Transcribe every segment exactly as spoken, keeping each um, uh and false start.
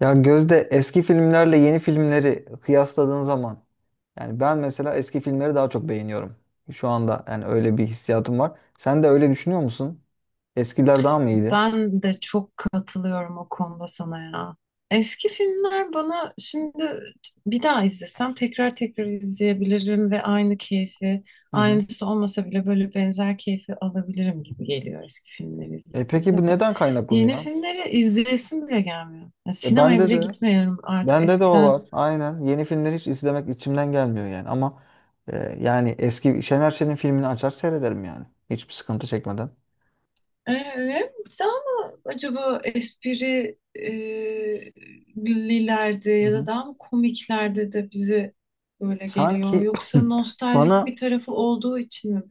Ya Gözde eski filmlerle yeni filmleri kıyasladığın zaman yani ben mesela eski filmleri daha çok beğeniyorum. Şu anda yani öyle bir hissiyatım var. Sen de öyle düşünüyor musun? Eskiler daha mı iyiydi? Ben de çok katılıyorum o konuda sana ya. Eski filmler bana şimdi bir daha izlesem tekrar tekrar izleyebilirim ve aynı keyfi, Hı hı. aynısı olmasa bile böyle benzer keyfi alabilirim gibi geliyor eski filmleri E peki izlediğimde. bu neden Yeni kaynaklanıyor? filmleri izleyesim bile gelmiyor. Yani E sinemaya bende bile de gitmiyorum artık. bende de o Eskiden. var. Aynen. Yeni filmleri hiç izlemek içimden gelmiyor yani ama e, yani eski Şener Şen'in filmini açar seyrederim yani. Hiçbir sıkıntı çekmeden. Evet, güzel mi acaba espri e, lilerde Hı ya da hı. daha mı komiklerde de bize böyle geliyor? Sanki Yoksa nostaljik bana bir tarafı olduğu için mi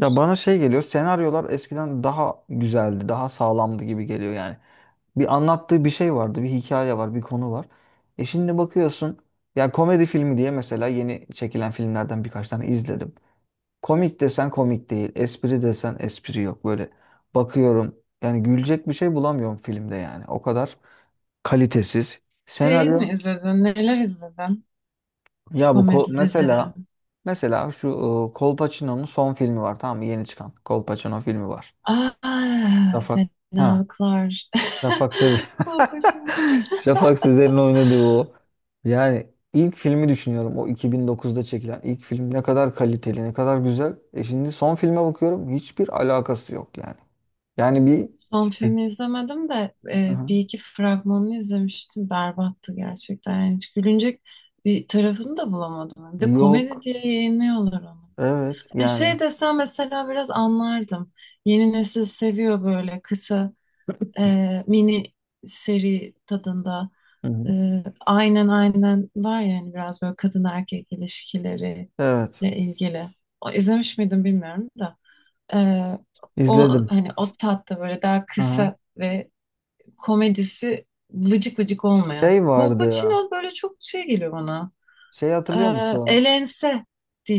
Ya bana şey geliyor, senaryolar eskiden daha güzeldi, daha sağlamdı gibi geliyor yani. Bir anlattığı bir şey vardı, bir hikaye var, bir konu var. E şimdi bakıyorsun, ya komedi filmi diye mesela yeni çekilen filmlerden birkaç tane izledim. Komik desen komik değil, espri desen espri yok. Böyle bakıyorum, yani gülecek bir şey bulamıyorum filmde yani. O kadar kalitesiz. Şey Senaryo, mi izledin? Neler izledin? ya bu ko- Komedi dizileri. mesela mesela şu e, Kolpaçino'nun son filmi var, tamam mı? Yeni çıkan Kolpaçino filmi var. Aa, Rafa. Ha. fenalıklar. Şafak Sezer. Kolpaçino. Şafak Sezer'in oynadığı o. Yani ilk filmi düşünüyorum. O iki bin dokuzda çekilen ilk film ne kadar kaliteli, ne kadar güzel. E şimdi son filme bakıyorum. Hiçbir alakası yok yani. Yani bir Son filmi izlemedim de e, Hı-hı. bir iki fragmanını izlemiştim. Berbattı gerçekten. Yani hiç gülünecek bir tarafını da bulamadım. Bir de komedi Yok. diye yayınlıyorlar onu. Evet Yani şey yani. desem mesela biraz anlardım. Yeni nesil seviyor böyle kısa e, mini seri tadında. Hı-hı. E, aynen aynen var yani biraz böyle kadın erkek ilişkileriyle Evet. ilgili. O, izlemiş miydim bilmiyorum da. E, o İzledim. hani o tatta böyle daha Hı. kısa ve komedisi vıcık vıcık olmayan. Şey vardı ya. Kolpaçino böyle çok şey geliyor bana. Şey hatırlıyor Ee, musun? elense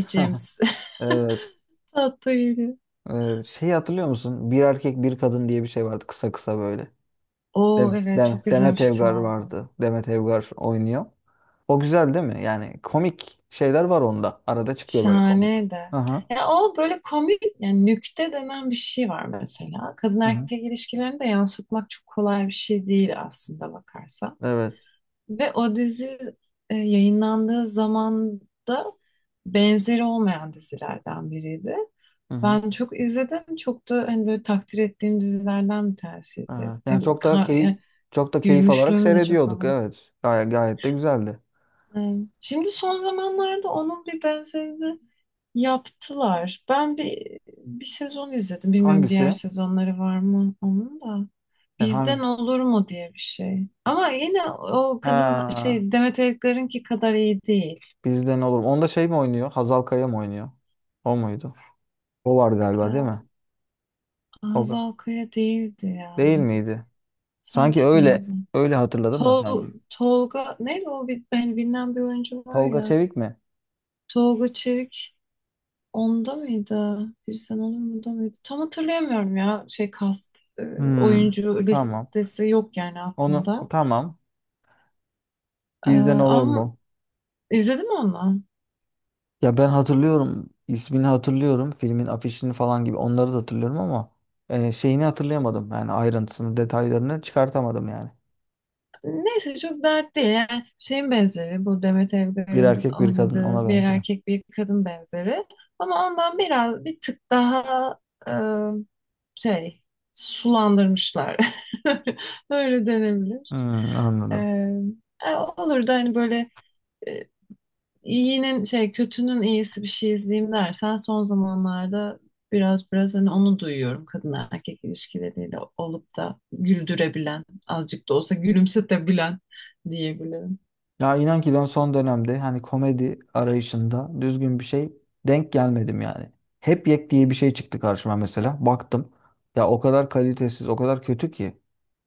Evet. Tatlı yeri. Ee, şey hatırlıyor musun? Bir erkek bir kadın diye bir şey vardı, kısa kısa böyle. Oo, Dem evet, Dem- çok Demet izlemiştim Evgar onu. vardı. Demet Evgar oynuyor. O güzel değil mi? Yani komik şeyler var onda. Arada çıkıyor böyle komik. Şahane de. Hı hı. Ya o böyle komik yani nükte denen bir şey var mesela. Kadın Hı hı. erkek ilişkilerini de yansıtmak çok kolay bir şey değil aslında bakarsan. Evet. Ve o dizi e, yayınlandığı zaman da benzeri olmayan dizilerden biriydi. Hı hı. Ben çok izledim. Çok da hani böyle takdir ettiğim dizilerden bir tanesiydi. Evet. Hem Yani çok da ka- keyif yani. çok da keyif alarak Gülmüşlüğüm de çok seyrediyorduk. ona. Evet. Gayet, gayet de güzeldi. Evet. Şimdi son zamanlarda onun bir benzerini yaptılar. Ben bir bir sezon izledim. Bilmiyorum, diğer Hangisi? sezonları var mı onun da. Yani Bizden hangi? olur mu diye bir şey. Ama yine o kadın Ha, şey, Demet Evgar'ınki kadar iyi değil. bizden olur. Onda şey mi oynuyor? Hazal Kaya mı oynuyor? O muydu? O var galiba, değil mi? Ee, Tolga. Hazal Kaya değildi ya. Değil miydi? Sanki Sanki öyle değildi. öyle hatırladım da Tol, sanki. Tolga neydi o bir, ben bilinen bir oyuncu var Tolga ya. Çevik mi? Tolga Çevik onda mıydı? Bir sen olur mu da mıydı? Tam hatırlayamıyorum ya şey, kast e, Hmm. oyuncu Tamam. listesi yok yani Onu aklımda. tamam. E, Bizden olur ama mu? izledim onu. Ya ben hatırlıyorum, ismini hatırlıyorum, filmin afişini falan gibi onları da hatırlıyorum ama e, şeyini hatırlayamadım yani, ayrıntısını, detaylarını çıkartamadım yani. Neyse, çok dert değil. Yani şeyin benzeri, bu Demet Bir Evgar'ın erkek bir kadın ona oynadığı bir benziyor. erkek bir kadın benzeri. Ama ondan biraz bir tık daha e, şey, sulandırmışlar. Öyle denebilir. Hmm, E, anladım. e, olur da hani böyle, İyinin şey kötünün iyisi bir şey izleyeyim dersen son zamanlarda, biraz biraz hani onu duyuyorum, kadın erkek ilişkileriyle olup da güldürebilen, azıcık da olsa gülümsetebilen diyebilirim. Ya inan ki ben son dönemde hani komedi arayışında düzgün bir şey denk gelmedim yani. Hep yek diye bir şey çıktı karşıma mesela. Baktım, ya o kadar kalitesiz, o kadar kötü ki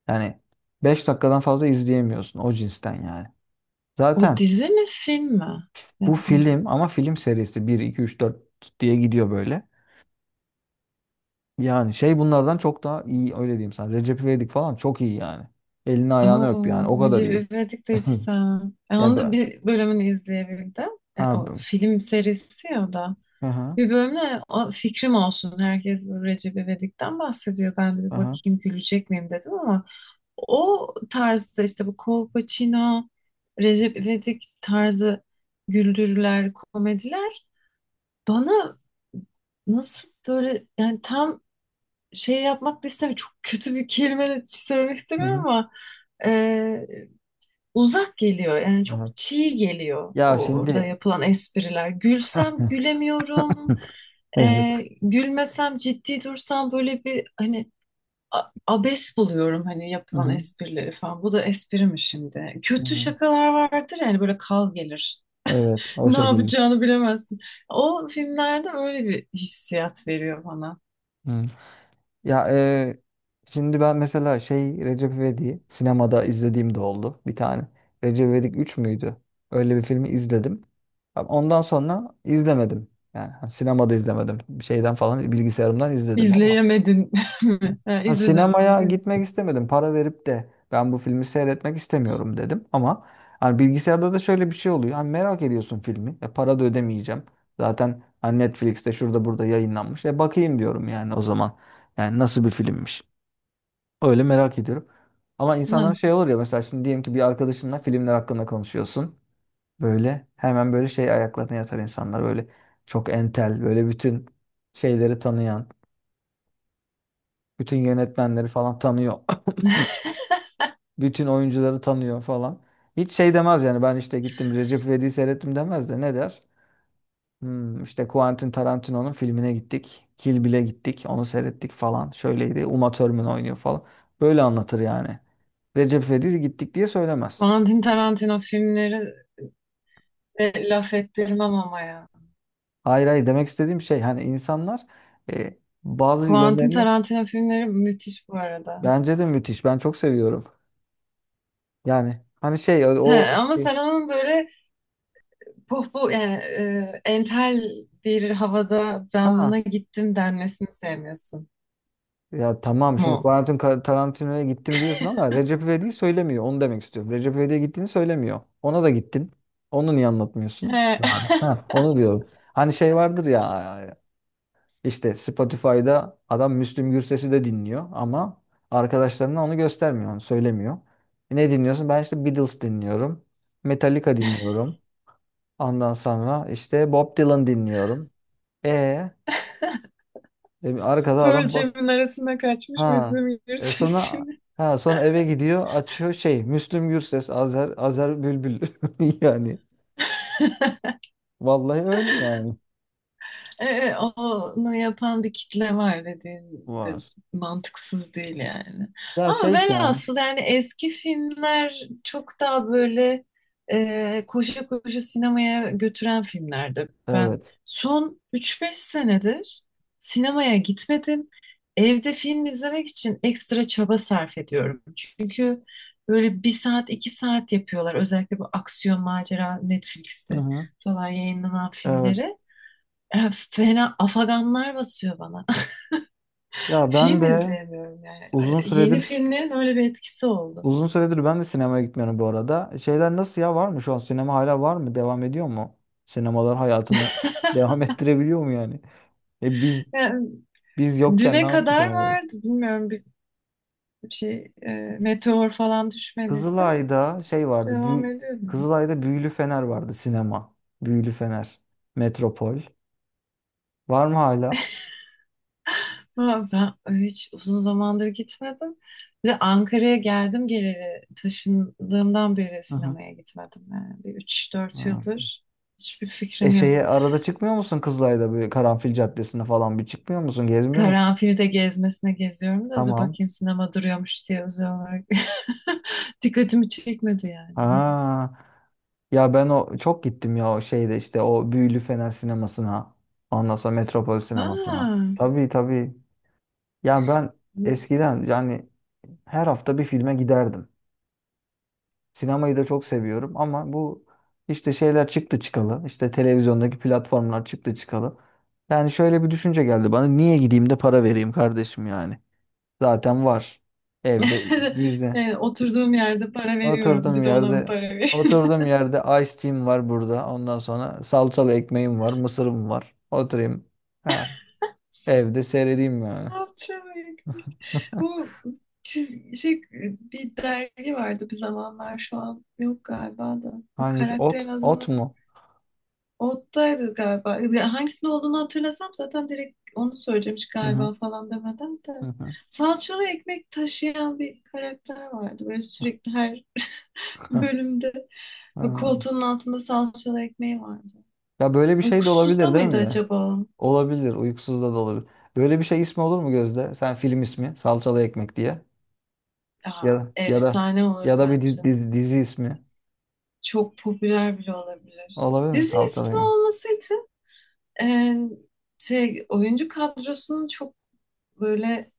yani beş dakikadan fazla izleyemiyorsun, o cinsten yani. O Zaten. dizi mi film mi? Bu Happy. film ama, film serisi, bir iki üç dört diye gidiyor böyle. Yani şey, bunlardan çok daha iyi, öyle diyeyim sana. Recep İvedik falan çok iyi yani. Elini ayağını öp Oo, yani, o kadar iyi. Recep İvedik de hiç sevmem. E, Ya onu da ben. bir bölümünü izleyebildim. E, Ha, o bu- film serisi ya o da. Hı hı. Bir bölümde o fikrim olsun. Herkes bu Recep İvedik'ten bahsediyor. Ben de Hı bir hı. bakayım gülecek miyim dedim ama. O tarzda işte, bu Kolpaçino, Recep İvedik tarzı güldürüler, komediler bana nasıl böyle, yani tam şey yapmak da istemiyorum. Çok kötü bir kelime de söylemek Hı istemiyorum hı. ama e, uzak geliyor. Yani çok Evet. çiğ geliyor Ya o- orada şimdi. yapılan espriler. Gülsem gülemiyorum. E, Evet. gülmesem ciddi dursam böyle, bir hani a- abes buluyorum hani Hı yapılan hı. esprileri falan. Bu da espri mi şimdi? Hı Kötü hı. şakalar vardır yani, böyle kal gelir. Evet, o Ne şekilde. yapacağını bilemezsin. O filmlerde öyle bir hissiyat veriyor bana. Hı. Ya e, şimdi ben mesela şey, Recep İvedik'i sinemada izlediğim de oldu bir tane. Recep İvedik üç müydü? Öyle bir filmi izledim. Ama ondan sonra izlemedim. Yani ha, sinemada izlemedim. Bir şeyden falan, bilgisayarımdan izledim ama. İzleyemedin mi? Ha, Ha, izledin. Ama sinemaya evet. gitmek istemedim. Para verip de ben bu filmi seyretmek istemiyorum dedim. Ama hani bilgisayarda da şöyle bir şey oluyor. Hani merak ediyorsun filmi. E, para da ödemeyeceğim. Zaten hani Netflix'te şurada burada yayınlanmış. E bakayım diyorum yani o zaman. Yani nasıl bir filmmiş. Öyle merak ediyorum. Ama Ha. insanlar şey olur ya, mesela şimdi diyelim ki bir arkadaşınla filmler hakkında konuşuyorsun. Böyle hemen böyle şey ayaklarına yatar insanlar. Böyle çok entel, böyle bütün şeyleri tanıyan. Bütün yönetmenleri falan tanıyor, bütün oyuncuları tanıyor falan. Hiç şey demez yani, ben işte gittim Recep İvedik'i seyrettim demez de ne der? Hmm, işte Quentin Tarantino'nun filmine gittik. Kill Bill'e gittik. Onu seyrettik falan. Şöyleydi. Uma Thurman oynuyor falan. Böyle anlatır yani. Recep İvedik'e gittik diye söylemez. Quentin Tarantino filmleri de laf ettirmem ama ya. Hayır hayır, demek istediğim şey, hani insanlar e, bazı Quentin yönlerini. Tarantino filmleri müthiş bu arada. Bence de müthiş. Ben çok seviyorum. Yani hani şey, o, He, o ama sen şey, onun böyle, puh bu yani e, entel bir havada ben buna ha. gittim denmesini sevmiyorsun Ya tamam, şimdi mu? Quentin Tarantino'ya gittim diyorsun ama Recep İvedik'i söylemiyor. Onu demek istiyorum. Recep İvedik'e gittiğini söylemiyor. Ona da gittin. Onu niye anlatmıyorsun? He, Abi. Ha, onu diyorum. Hani şey vardır ya, işte Spotify'da adam Müslüm Gürses'i de dinliyor ama arkadaşlarına onu göstermiyor, onu söylemiyor. E, ne dinliyorsun? Ben işte Beatles dinliyorum. Metallica dinliyorum. Ondan sonra işte Bob Dylan dinliyorum. E, e arkada Pearl adam, bak. Jam'in arasına kaçmış Ha. Müslüm E sonra, Gürses'in. ha sonra eve gidiyor, açıyor şey, Müslüm Gürses, Azer Azer Bülbül. Yani vallahi öyle yani. Evet, evet, onu yapan bir kitle var dediğin de Var. mantıksız değil yani. Ya Ama şey yani. velhasıl yani, eski filmler çok daha böyle e, koşa koşa sinemaya götüren filmlerdi. Ben Evet. son üç beş senedir sinemaya gitmedim. Evde film izlemek için ekstra çaba sarf ediyorum. Çünkü böyle bir saat iki saat yapıyorlar. Özellikle bu aksiyon macera Hı Netflix'te hı. falan yayınlanan Evet. filmleri. E, fena afaganlar basıyor bana. Ya ben Film de izleyemiyorum yani. uzun Yeni süredir filmlerin öyle bir etkisi oldu. uzun süredir ben de sinemaya gitmiyorum bu arada. Şeyler nasıl ya, var mı şu an, sinema hala var mı? Devam ediyor mu? Sinemalar hayatını devam ettirebiliyor mu yani? E biz Yani biz yokken ne düne yaptı kadar sinemalar? vardı. Bilmiyorum, bir şey e, meteor falan düşmediyse Kızılay'da şey vardı. devam Bü- ediyor mu? Kızılay'da Büyülü Fener vardı, sinema. Büyülü Fener. Metropol. Var mı hala? Ama ben hiç uzun zamandır gitmedim. Bir de Ankara'ya geldim geleli, taşındığımdan beri Hı hı. sinemaya gitmedim. Yani bir üç dört Ha. yıldır hiçbir E fikrim yok. şeye, arada çıkmıyor musun Kızılay'da, böyle Karanfil Caddesi'ne falan bir çıkmıyor musun? Gezmiyor musun? Karanfilde gezmesine geziyorum da dur Tamam. bakayım sinema duruyormuş diye özel olarak. Dikkatimi çekmedi yani. Ha. Ya ben o çok gittim ya, o şeyde işte, o Büyülü Fener sinemasına. Ondan sonra Metropol sinemasına. Ha. Tabii tabii. Ya ben eskiden yani her hafta bir filme giderdim. Sinemayı da çok seviyorum ama bu işte şeyler çıktı çıkalı. İşte televizyondaki platformlar çıktı çıkalı. Yani şöyle bir düşünce geldi bana. Niye gideyim de para vereyim kardeşim yani? Zaten var. Evde bizde. E, oturduğum yerde para veriyorum. Oturduğum Bir de ona mı yerde para veriyorum? oturduğum yerde ice tea'm var burada. Ondan sonra salçalı ekmeğim var, mısırım var. Oturayım. Ha, evde seyredeyim yani. Salça ve ekmek. Bu çiz şey, bir dergi vardı bir zamanlar, şu an yok galiba da. O Hangisi? Ot? karakterin Ot adını mu? Ottaydı galiba. Ya hangisinde olduğunu hatırlasam zaten direkt onu söyleyeceğim, hiç Hı hı. galiba falan demeden Hı de. hı. Salçalı ekmek taşıyan bir karakter vardı. Böyle sürekli her bölümde ve Ha. koltuğunun altında salçalı ekmeği vardı. Ya böyle bir şey de Uykusuzda olabilir, değil mıydı mi ya? acaba o? Olabilir. Uykusuz da da olabilir. Böyle bir şey ismi olur mu Gözde? Sen film ismi. Salçalı ekmek diye. Ya Aa, da ya da efsane olur ya da bir bence. dizi, dizi, dizi ismi. Çok popüler bile olabilir. Olabilir mi? Dizi Salçalı ismi ekmek. olması için e, şey, oyuncu kadrosunun çok böyle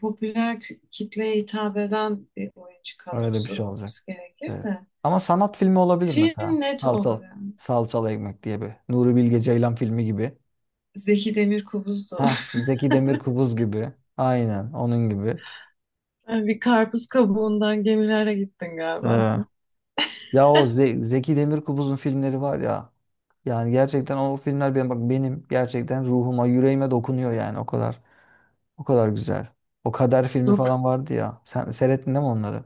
popüler kü- kitleye hitap eden bir oyuncu Öyle bir kadrosu şey olacak. olması gerekir Evet. de. Ama sanat filmi olabilir mesela. Film net olur Salçalı. yani. Salçalı ekmek diye bir. Nuri Bilge Ceylan filmi gibi. Zeki Demirkubuz da Ha, olur. Zeki Demirkubuz gibi. Aynen onun gibi. Yani bir karpuz kabuğundan gemilere gittin Ee, galiba sen. Ya o Ze- Zeki Demirkubuz'un filmleri var ya. Yani gerçekten o filmler benim, bak benim gerçekten ruhuma, yüreğime dokunuyor yani, o kadar. O kadar güzel. O Kader filmi Yok. falan vardı ya. Sen seyrettin değil mi onları?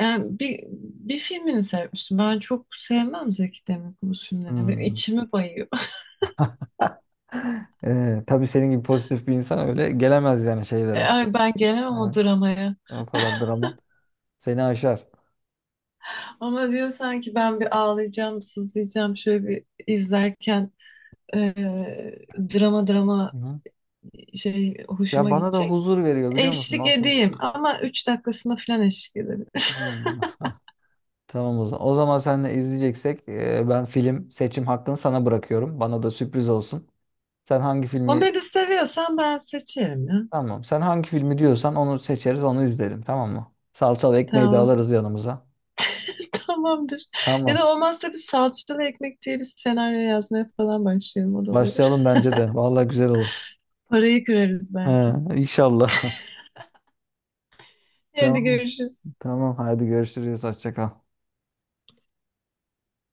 Yani bir, bir filmini sevmiştim. Ben çok sevmem Zeki Demirkubuz filmlerini. Benim Hmm. içimi bayıyor. Ee, tabii senin gibi pozitif bir insan öyle gelemez yani şeylere. Ay, ben gelemem o Yani dramaya. o kadar drama seni aşar. Ama diyor sanki ben bir ağlayacağım, sızlayacağım şöyle bir izlerken eee, drama drama Hı. şey, Ya hoşuma bana da gidecek. huzur veriyor biliyor musun? Eşlik O film. edeyim ama üç dakikasına falan eşlik ederim. Hmm. Tamam o zaman. O zaman seninle izleyeceksek e, ben film seçim hakkını sana bırakıyorum. Bana da sürpriz olsun. Sen hangi filmi Komedi seviyorsan ben seçerim ya. tamam. Sen hangi filmi diyorsan onu seçeriz, onu izlerim. Tamam mı? Salçalı ekmeği de Tamam. alırız yanımıza. Tamamdır. Ya Tamam. da olmazsa bir salçalı ekmek diye bir senaryo yazmaya falan başlayalım, o da olur. Başlayalım bence de. Vallahi güzel olur. Parayı kırarız He, belki. inşallah. Hadi Tamam. görüşürüz. Tamam. Hadi görüşürüz. Hoşça kal.